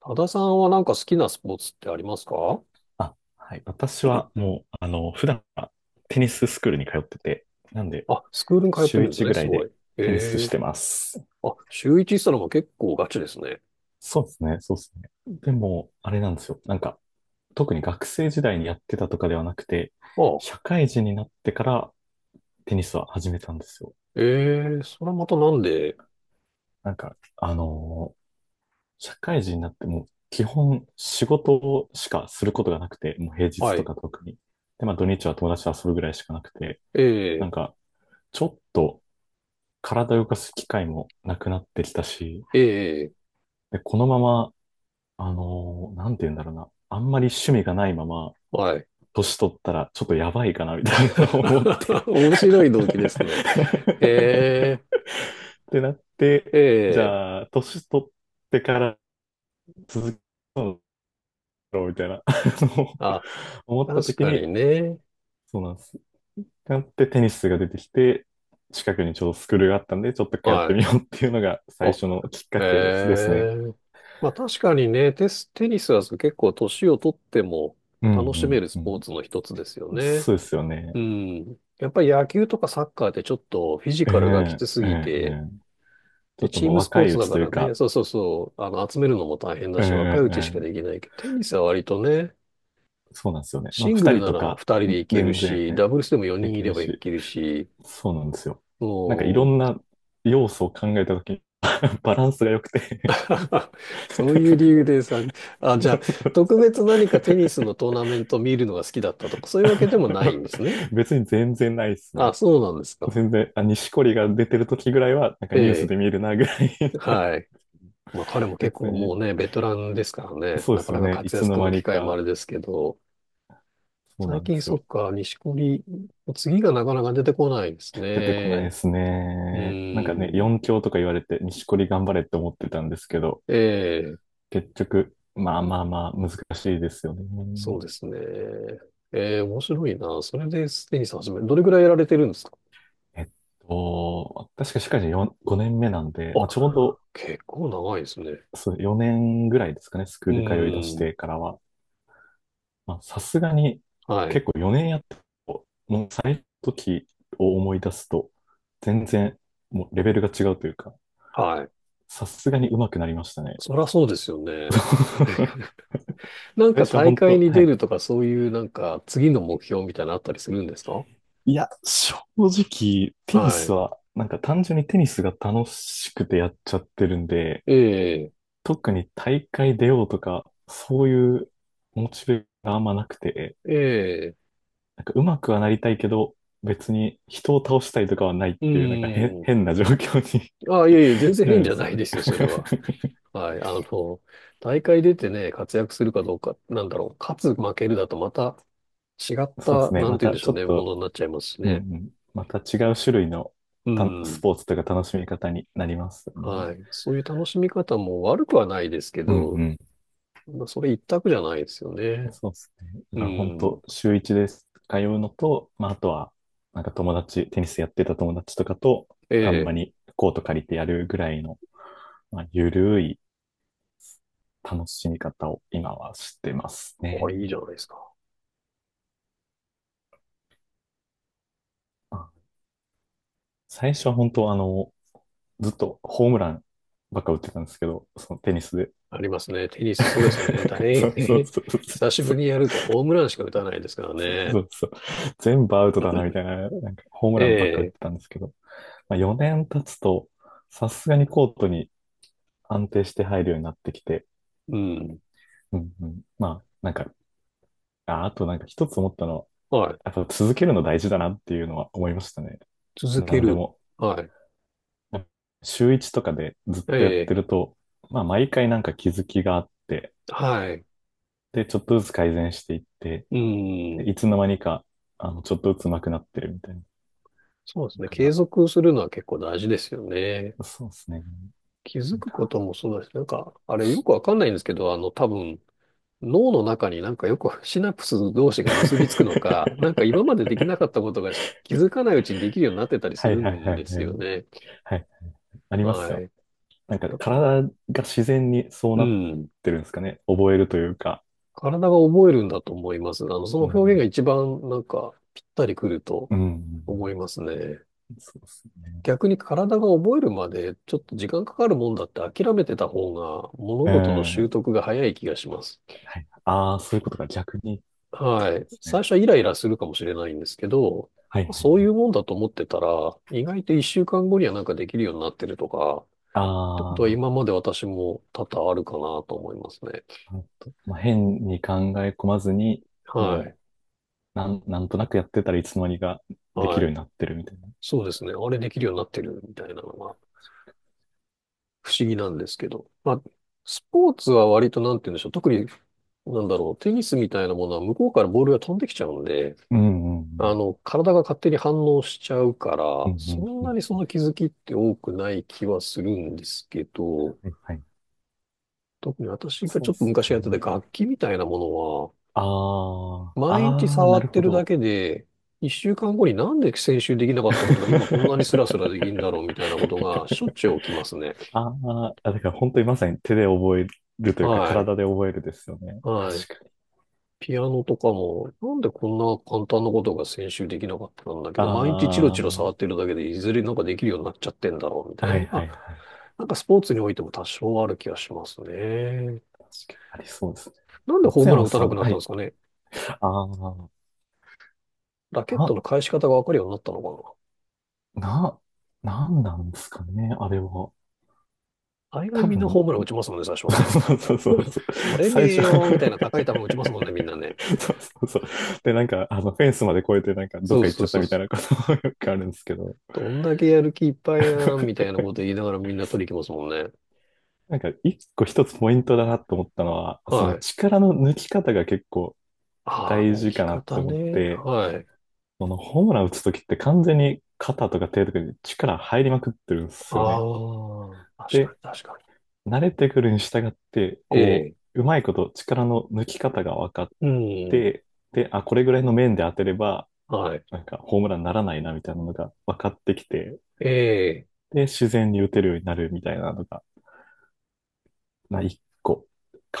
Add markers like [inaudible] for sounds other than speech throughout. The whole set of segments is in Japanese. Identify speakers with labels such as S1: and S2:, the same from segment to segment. S1: 多田さんはなんか好きなスポーツってありますか？
S2: あ、はい。私はもう、普段はテニススクールに通ってて、なんで、
S1: あ、スクールに通ってる
S2: 週
S1: んです
S2: 1
S1: ね、
S2: ぐら
S1: す
S2: い
S1: ご
S2: で
S1: い。え
S2: テニスし
S1: え。
S2: てます。
S1: あ、週一したのも結構ガチですね。
S2: そうですね、そうですね。でも、あれなんですよ。なんか、特に学生時代にやってたとかではなくて、
S1: あ、
S2: 社会人になってからテニスは始めたんですよ。
S1: ええそれはまたなんで？
S2: なんか、社会人になっても、基本仕事しかすることがなくて、もう平日
S1: は
S2: と
S1: い、
S2: か特に。で、まあ土日は友達と遊ぶぐらいしかなくて、な
S1: ええ
S2: んか、ちょっと体を動かす機会もなくなってきたし、
S1: ええ
S2: で、このまま、なんて言うんだろうな、あんまり趣味がないまま、
S1: はい。
S2: 年取ったらちょっとやばいかな、みたいなのを思って。
S1: [laughs] 面白い動機ですね。
S2: [laughs]
S1: え
S2: ってなって、じ
S1: えええ
S2: ゃあ、年取ってから続けろ、みたいな、[laughs] の
S1: あ、
S2: 思っ
S1: 確
S2: た時
S1: か
S2: に、
S1: にね。
S2: そうなんです。なってテニスが出てきて、近くにちょうどスクールがあったんで、ちょっと通っ
S1: は
S2: て
S1: い。
S2: みようっていうのが最
S1: あ、
S2: 初のきっかけで
S1: え
S2: すね。
S1: えまあ確かにね、テニスは結構年をとっても
S2: うん
S1: 楽しめる
S2: う
S1: ス
S2: んう
S1: ポー
S2: ん。
S1: ツの一つですよね。
S2: そうですよ
S1: う
S2: ね。
S1: ん。やっぱり野球とかサッカーってちょっとフィジ
S2: え
S1: カルがき
S2: え
S1: つす
S2: えええ
S1: ぎ
S2: え。
S1: て、
S2: ちょ
S1: で、
S2: っと
S1: チー
S2: もう
S1: ムスポ
S2: 若
S1: ー
S2: い
S1: ツ
S2: う
S1: だ
S2: ち
S1: か
S2: という
S1: らね、
S2: か、
S1: そうそうそう、集めるのも大変だ
S2: ええ
S1: し、若いうちしかで
S2: ええ。
S1: きないけど、テニスは割とね、
S2: そうなんですよね。まあ、
S1: シング
S2: 二
S1: ル
S2: 人
S1: な
S2: と
S1: ら
S2: か、
S1: 2人でいける
S2: 全然
S1: し、ダブルスでも
S2: で
S1: 4人い
S2: き
S1: れ
S2: る
S1: ばい
S2: し、
S1: けるし、
S2: そうなんですよ。なんかいろ
S1: も
S2: ん
S1: う、
S2: な要素を考えたときに、[laughs] バランスが良くて。
S1: [laughs] そういう理由でさ、あ、じゃあ、
S2: [laughs]
S1: 特別何かテニスのトーナメント見るのが好きだったとか、そういうわけでもないんですね。
S2: 別に全然ないです
S1: あ、
S2: ね。
S1: そうなんですか。
S2: 全然、あ、錦織が出てるときぐらいは、なんか
S1: え
S2: ニュースで
S1: え。
S2: 見るなぐらい。
S1: はい。まあ彼も
S2: [laughs]
S1: 結
S2: 別
S1: 構
S2: に、
S1: もうね、ベテランですからね、
S2: そう
S1: な
S2: で
S1: か
S2: す
S1: な
S2: よ
S1: か
S2: ね。い
S1: 活
S2: つの
S1: 躍
S2: 間
S1: の
S2: に
S1: 機会もあ
S2: か、
S1: れですけど、
S2: そうな
S1: 最
S2: んで
S1: 近
S2: す
S1: そっ
S2: よ。
S1: か、錦織、次がなかなか出てこないです
S2: 出てこないで
S1: ね。
S2: す
S1: う
S2: ね。なんかね、
S1: ん。
S2: 4強とか言われて、錦織頑張れって思ってたんですけど、
S1: ええ、
S2: 結局、まあまあまあ、難しいですよね。
S1: そうですね。ええ、面白いな。それでテニス始め、どれぐらいやられてるんですか？
S2: えっ確か社会人4 5年目なんで、
S1: あ、
S2: まあ、ちょうど
S1: 結構長いですね。
S2: そう4年ぐらいですかね、スク
S1: う
S2: ール通い出し
S1: ん。
S2: てからは。まあ、さすがに、
S1: はい。
S2: 結構4年やっても、もう最初の時を思い出すと、全然、もうレベルが違うというか、
S1: はい。
S2: さすがに上手くなりましたね。
S1: そりゃそうですよね。
S2: [laughs]
S1: なん
S2: 最
S1: か
S2: 初は
S1: 大
S2: 本
S1: 会
S2: 当、
S1: に
S2: は
S1: 出
S2: い、
S1: るとか、そういうなんか次の目標みたいなのあったりするんですか？
S2: いや、正直、テニ
S1: は
S2: ス
S1: い。
S2: は、なんか単純にテニスが楽しくてやっちゃってるんで、
S1: ええ
S2: 特に大会出ようとか、そういうモチベがあんまなくて、
S1: ええ、
S2: なんか上手くはなりたいけど、別に人を倒したいとかはないっ
S1: う
S2: ていう、なんか変、
S1: ん。
S2: 変な状況に
S1: あ、いやいや、全
S2: [laughs]
S1: 然
S2: な
S1: 変
S2: るん
S1: じ
S2: で
S1: ゃ
S2: す
S1: な
S2: よ
S1: い
S2: ね。
S1: ですよ、それは。はい。大会出てね、活躍するかどうか、なんだろう、勝つ、負けるだとまた違っ
S2: [laughs] そうで
S1: た、
S2: すね。
S1: なん
S2: ま
S1: て言う
S2: た
S1: んでし
S2: ち
S1: ょ
S2: ょ
S1: う
S2: っ
S1: ね、も
S2: と、
S1: のになっちゃいますし
S2: うんう
S1: ね。
S2: ん、また違う種類の
S1: う
S2: たス
S1: ん。
S2: ポーツとか楽しみ方になりますよね。
S1: はい。そういう楽しみ方も悪くはないですけ
S2: うんう
S1: ど、
S2: ん。
S1: まあそれ一択じゃないですよね。
S2: そうですね。だ
S1: う
S2: から本
S1: ん。
S2: 当、週一です。通うのと、まあ、あとは、なんか友達、テニスやってた友達とかと、
S1: え
S2: たんま
S1: え。
S2: にコート借りてやるぐらいの、まあ、ゆるい楽しみ方を今はしてます
S1: あ、
S2: ね。
S1: いいじゃないですか。
S2: まあ最初は本当、ずっとホームランばっか打ってたんですけど、そのテニスで。
S1: ありますね。テニス、そうですよね。
S2: [laughs]
S1: 大
S2: そうそう
S1: 変
S2: そうそう
S1: [laughs] 久しぶ
S2: そ
S1: り
S2: う。
S1: にやるとホームランしか打たないですから
S2: そ
S1: ね。
S2: うそう。全部アウトだな、みたいな、なんかホーム
S1: え
S2: ランばっか打っ
S1: え。
S2: てたんですけど、まあ、4年経つと、さすがにコートに安定して入るようになってきて、
S1: うん。
S2: うんうん、まあ、なんか、あ、あとなんか一つ思ったのは、
S1: はい。
S2: やっぱ続けるの大事だなっていうのは思いましたね。
S1: 続
S2: な
S1: け
S2: んで
S1: る。
S2: も。
S1: はい。
S2: 週一とかでずっ
S1: え
S2: とやって
S1: え。
S2: ると、まあ、毎回なんか気づきがあって、
S1: はい。
S2: で、ちょっとずつ改善していって、
S1: う
S2: で
S1: ん。
S2: いつの間にか、ちょっとずつ上手くなってるみたいな。
S1: そうですね。
S2: だ
S1: 継
S2: か
S1: 続するのは結構大事ですよね。
S2: ら、そうですね。
S1: 気づくこともそうだし、なんか、あれよくわかんないんですけど、多分、脳の中になんかよくシナプス同士が結びつくのか、なんか
S2: [laughs]
S1: 今までできなかったことがし気づかないうちにできるようになってたりす
S2: は
S1: る
S2: いはい
S1: ん
S2: はい
S1: で
S2: は
S1: すよ
S2: い。
S1: ね。
S2: はい。あります
S1: は
S2: よ。
S1: い。
S2: なんか
S1: だから、
S2: 体が自然にそう
S1: う
S2: なっ
S1: ん。
S2: てるんですかね。覚えるというか。
S1: 体が覚えるんだと思います。その
S2: う
S1: 表現
S2: ん。
S1: が一番なんかぴったりくると
S2: うん。
S1: 思いますね。
S2: そうですね。
S1: 逆に体が覚えるまでちょっと時間かかるもんだって諦めてた方が物
S2: う
S1: 事の習
S2: ん。
S1: 得が早い気がします。
S2: はい。ああ、そういうことか。逆にってこ
S1: は
S2: と
S1: い。
S2: です
S1: 最
S2: ね。
S1: 初はイライラするかもしれないんですけど、
S2: はいは
S1: そうい
S2: い。
S1: うもんだと思ってたら、意外と一週間後にはなんかできるようになってるとか、ってこと
S2: あ
S1: は
S2: あ、
S1: 今まで私も多々あるかなと思いますね。
S2: なるほど。まあ、変に考え込まずに、
S1: はい。
S2: もう、なんとなくやってたらいつの間にかでき
S1: は
S2: るよう
S1: い。
S2: になってるみたいな。
S1: そうですね。あれできるようになってるみたいなのが不思議なんですけど。まあ、スポーツは割となんて言うんでしょう。特に、なんだろう。テニスみたいなものは向こうからボールが飛んできちゃうんで、
S2: うんうん
S1: 体が勝手に反応しちゃうか
S2: うん。
S1: ら、
S2: う
S1: そ
S2: ん
S1: ん
S2: うんう
S1: な
S2: ん。
S1: にその気づきって多くない気はするんですけど、
S2: はいはい。
S1: 特に私が
S2: そう
S1: ちょ
S2: で
S1: っと
S2: す
S1: 昔やって
S2: ね。
S1: た楽器みたいなものは、
S2: ああ、
S1: 毎日
S2: ああ、
S1: 触
S2: な
S1: っ
S2: る
S1: て
S2: ほ
S1: るだ
S2: ど。
S1: けで、一週間後になんで先週できなかったことが今こんなにスラスラできるん
S2: [laughs]
S1: だろうみたいなことがしょっちゅう起きますね。
S2: あーあ、だから本当にまさに手で覚えるというか
S1: はい。
S2: 体で覚えるですよね。
S1: はい。
S2: 確か。
S1: ピアノとかも、なんでこんな簡単なことが先週できなかったんだけ
S2: あ
S1: ど、毎日チロ
S2: あ、
S1: チロ
S2: は
S1: 触ってるだけで、いずれなんかできるようになっちゃってんだろう、みた
S2: い
S1: い
S2: は
S1: な
S2: い
S1: の
S2: は
S1: が、
S2: い。
S1: なんかスポーツにおいても多少ある気がしますね。
S2: 確かにありそうですね。
S1: なんでホー
S2: 松
S1: ムラン
S2: 山
S1: 打た
S2: さ
S1: なく
S2: ん、
S1: なっ
S2: は
S1: たんで
S2: い。
S1: すかね。
S2: ああ、
S1: ラケット
S2: な、
S1: の返し方がわかるようになったのか
S2: な、なんなんですかね、あれは。
S1: な。大概
S2: 多
S1: みんな
S2: 分、
S1: ホ
S2: ん。
S1: ームラン打ちますもんね、最初
S2: [laughs]
S1: はね。
S2: そうそうそうそう。
S1: 折れね
S2: 最
S1: え
S2: 初。
S1: よ、みたいな高い球
S2: [laughs]
S1: 打ちますもんね、みんなね。
S2: そうそうそう。で、なんか、フェンスまで越えて、なんか、どっ
S1: そう
S2: か行っ
S1: そ
S2: ちゃ
S1: う
S2: った
S1: そう
S2: み
S1: そ
S2: たいな
S1: う。
S2: ことも、 [laughs] よくあるんですけど、
S1: どんだけやる気いっぱいやん、みたいなこと言いながらみんな取りに行きますもんね。
S2: なんか、一つポイントだなと思ったのは、そ
S1: は
S2: の
S1: い。
S2: 力の抜き方が結構
S1: ああ、
S2: 大事
S1: 置き
S2: かなって
S1: 方
S2: 思っ
S1: ね。
S2: て、
S1: はい。
S2: このホームラン打つときって完全に肩とか手とかに力入りまくってるんですよね。
S1: ああ、確か
S2: で、
S1: に確かに。
S2: 慣れてくるに従って、
S1: え
S2: こ
S1: え、
S2: う、うまいこと力の抜き方が分かっ
S1: うん、
S2: て、で、あ、これぐらいの面で当てれば、
S1: はい。
S2: なんかホームランにならないなみたいなのが分かってきて、
S1: ええ、
S2: で、自然に打てるようになるみたいなのが、まあ、一個、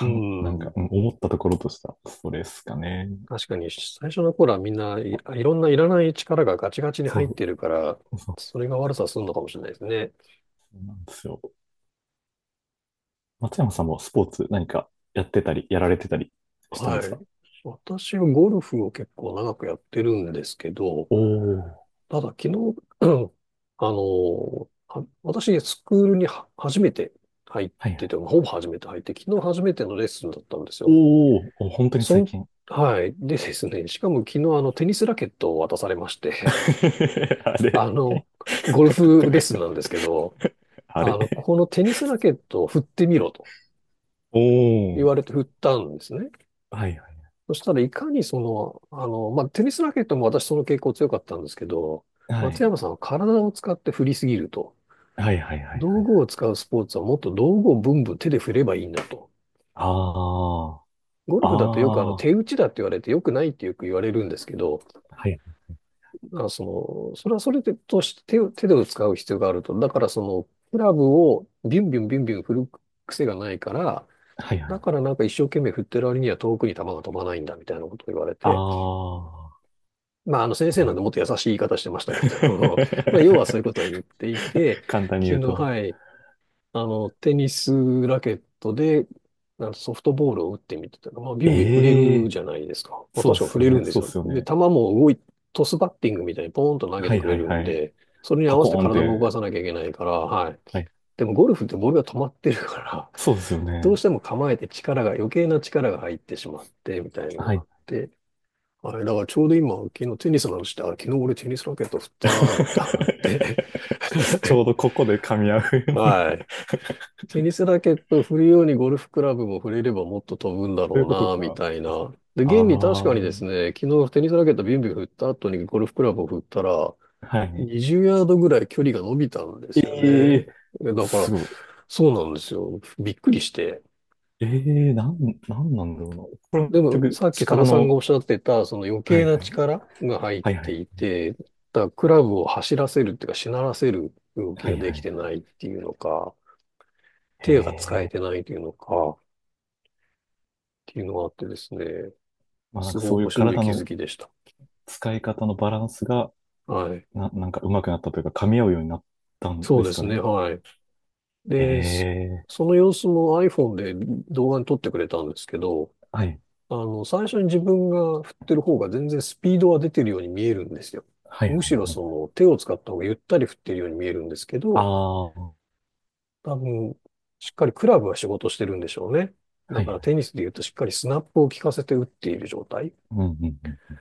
S1: う
S2: ん、なん
S1: ん。
S2: か、うん思ったところとしたストレスかね。
S1: 確かに、最初の頃はみんないいろんないらない力がガチガチに入っ
S2: そ
S1: てるから、
S2: う、そう、
S1: それが悪さするのかもしれないです
S2: そ
S1: ね。
S2: うなんですよ。松山さんもスポーツ何かやってたり、やられてたりしたんで
S1: は
S2: す
S1: い。
S2: か？
S1: 私はゴルフを結構長くやってるんですけど、
S2: おお、
S1: ただ昨日、[clears throat] 私、スクールには初めて入っ
S2: はいは
S1: てて、
S2: い。
S1: ほぼ初めて入って、昨日初めてのレッスンだったんですよ。
S2: おーお、本当に
S1: そ
S2: 最近。
S1: はい。でですね、[laughs] しかも昨日テニスラケットを渡されまし
S2: [laughs]
S1: て、
S2: あ
S1: [laughs]
S2: れ。
S1: あの、
S2: [laughs]
S1: ゴルフレッスンなんですけど、
S2: あれ。
S1: このテニスラケットを振ってみろと
S2: お
S1: 言
S2: お、
S1: われて振ったんですね。
S2: はいはい。
S1: そしたらいかにまあ、テニスラケットも私その傾向強かったんですけど、
S2: は
S1: 松山
S2: い。
S1: さんは体を使って振りすぎると。
S2: はいはいはいはい。
S1: 道具を使うスポーツはもっと道具をブンブン手で振ればいいんだと。
S2: あ
S1: ゴル
S2: あ、あ
S1: フだとよく
S2: あ、は
S1: 手打ちだって言われてよくないってよく言われるんですけど、
S2: い
S1: だからそれはそれでとして手で使う必要があると。だからクラブをビュンビュンビュンビュン振る癖がないから、
S2: はいは
S1: だ
S2: い。
S1: からなんか一生懸命振ってる割には遠くに球が飛ばないんだみたいなことを言われて、
S2: あ
S1: まああの先
S2: あ、
S1: 生なんでもっと優しい言い方してましたけど、[laughs] まあ要はそういうことを言っていて、
S2: [laughs] 簡単に
S1: 昨
S2: 言
S1: 日、
S2: うと。
S1: はい、テニスラケットで、なんかソフトボールを打ってみてたら、まあ、ビュンビュン振れ
S2: え
S1: る
S2: え
S1: じゃないですか。
S2: ー、
S1: まあ、
S2: そうっ
S1: 確かに振
S2: すよ
S1: れる
S2: ね、
S1: んです
S2: そうっ
S1: よ。
S2: すよ
S1: で、
S2: ね。
S1: 球も動い、トスバッティングみたいにポーンと投げ
S2: は
S1: て
S2: い
S1: くれ
S2: はい
S1: る
S2: は
S1: ん
S2: い。
S1: で、それに合
S2: パ
S1: わせて
S2: コーンっ
S1: 体も動か
S2: て、
S1: さなきゃいけないから、はい。
S2: はい。
S1: でもゴルフってボールが止まってるから、
S2: そうっすよ
S1: どう
S2: ね。
S1: しても構えて余計な力が入ってしまって、みたいなの
S2: は
S1: があ
S2: い。
S1: って、はい。だからちょうど今、昨日テニスの話して、あ、昨日俺テニスラケット振っ
S2: [laughs]
S1: たなぁなんて思って、
S2: ちょうどこ
S1: [laughs]
S2: こで噛み合う。
S1: はい。テニスラケットを振るようにゴルフクラブも振れればもっと飛ぶんだ
S2: そうい
S1: ろ
S2: うこと
S1: うな、み
S2: か。
S1: たいな。で、
S2: ああ、
S1: 現に確かにで
S2: は
S1: すね、昨日テニスラケットビュンビュン振った後にゴルフクラブを振ったら、
S2: いね。
S1: 20ヤードぐらい距離が伸びたんで
S2: え
S1: すよ
S2: え
S1: ね。
S2: ー、
S1: でだから、
S2: すご
S1: そうなんですよ。びっくりして。
S2: い。ええー、なんなんだろうな。これ
S1: で
S2: 結
S1: も、
S2: 局、
S1: さっき多
S2: 力
S1: 田さんが
S2: の、
S1: おっしゃってた、その余
S2: は
S1: 計
S2: い
S1: な
S2: はい。
S1: 力が入っ
S2: はいは
S1: て
S2: い。
S1: いて、だからクラブを走らせるっていうか、しならせる動き
S2: は
S1: が
S2: い
S1: で
S2: は
S1: き
S2: い。
S1: てないっていうのか、
S2: え
S1: 手が使え
S2: えー、
S1: てないっていうのか、っていうのがあってですね。
S2: まあなん
S1: す
S2: か
S1: ごい
S2: そういう
S1: 面白い
S2: 体
S1: 気づ
S2: の
S1: きでした。
S2: 使い方のバランスが、
S1: はい。
S2: なんか上手くなったというか、噛み合うようになったん
S1: そ
S2: で
S1: うで
S2: すか
S1: すね。
S2: ね。
S1: はい。
S2: え
S1: で、
S2: え
S1: そ
S2: ー、
S1: の様子も iPhone で動画に撮ってくれたんですけど、
S2: はい。
S1: 最初に自分が振ってる方が全然スピードは出てるように見えるんですよ。
S2: はいはい
S1: むしろ
S2: はい。
S1: その手を使った方がゆったり振ってるように見えるんですけ
S2: あ
S1: ど、
S2: あ、は
S1: 多分、しっかりクラブは仕事してるんでしょうね。だ
S2: いはい。
S1: からテニスで言うとしっかりスナップを効かせて打っている状態。
S2: うんうん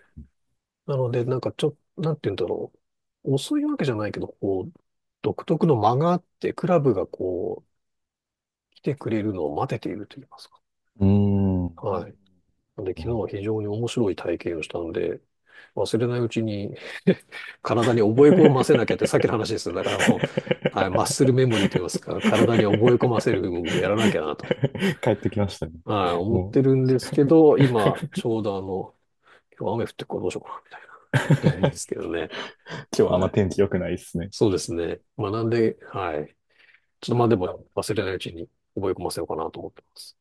S1: なので、なんかちょ、なんて言うんだろう。遅いわけじゃないけど、こう、独特の間があって、クラブがこう、来てくれるのを待てていると言いますか。
S2: うん。うー
S1: は
S2: ん。
S1: い。なので、昨日
S2: なるほ
S1: は
S2: ど。
S1: 非常に面白い体験をしたので、忘れないうちに [laughs] 体に覚え込ませなきゃって、さっきの
S2: [laughs]
S1: 話ですよ。だからもう、はい、マッスルメモリー
S2: [laughs]
S1: と言いますか、体に覚え込ませる動きをやらなきゃなと、
S2: 帰ってきましたね。
S1: はい、思っ
S2: もう。
S1: てるんですけど、今、ちょうど今日雨降ってるからどうしようかな、みたいな、[laughs] です
S2: [laughs]
S1: けどね。
S2: 今日はあん
S1: は
S2: ま
S1: い。
S2: 天気良くないですね。
S1: そうですね。学んで、はい。ちょっとまあでも忘れないうちに覚え込ませようかなと思ってます。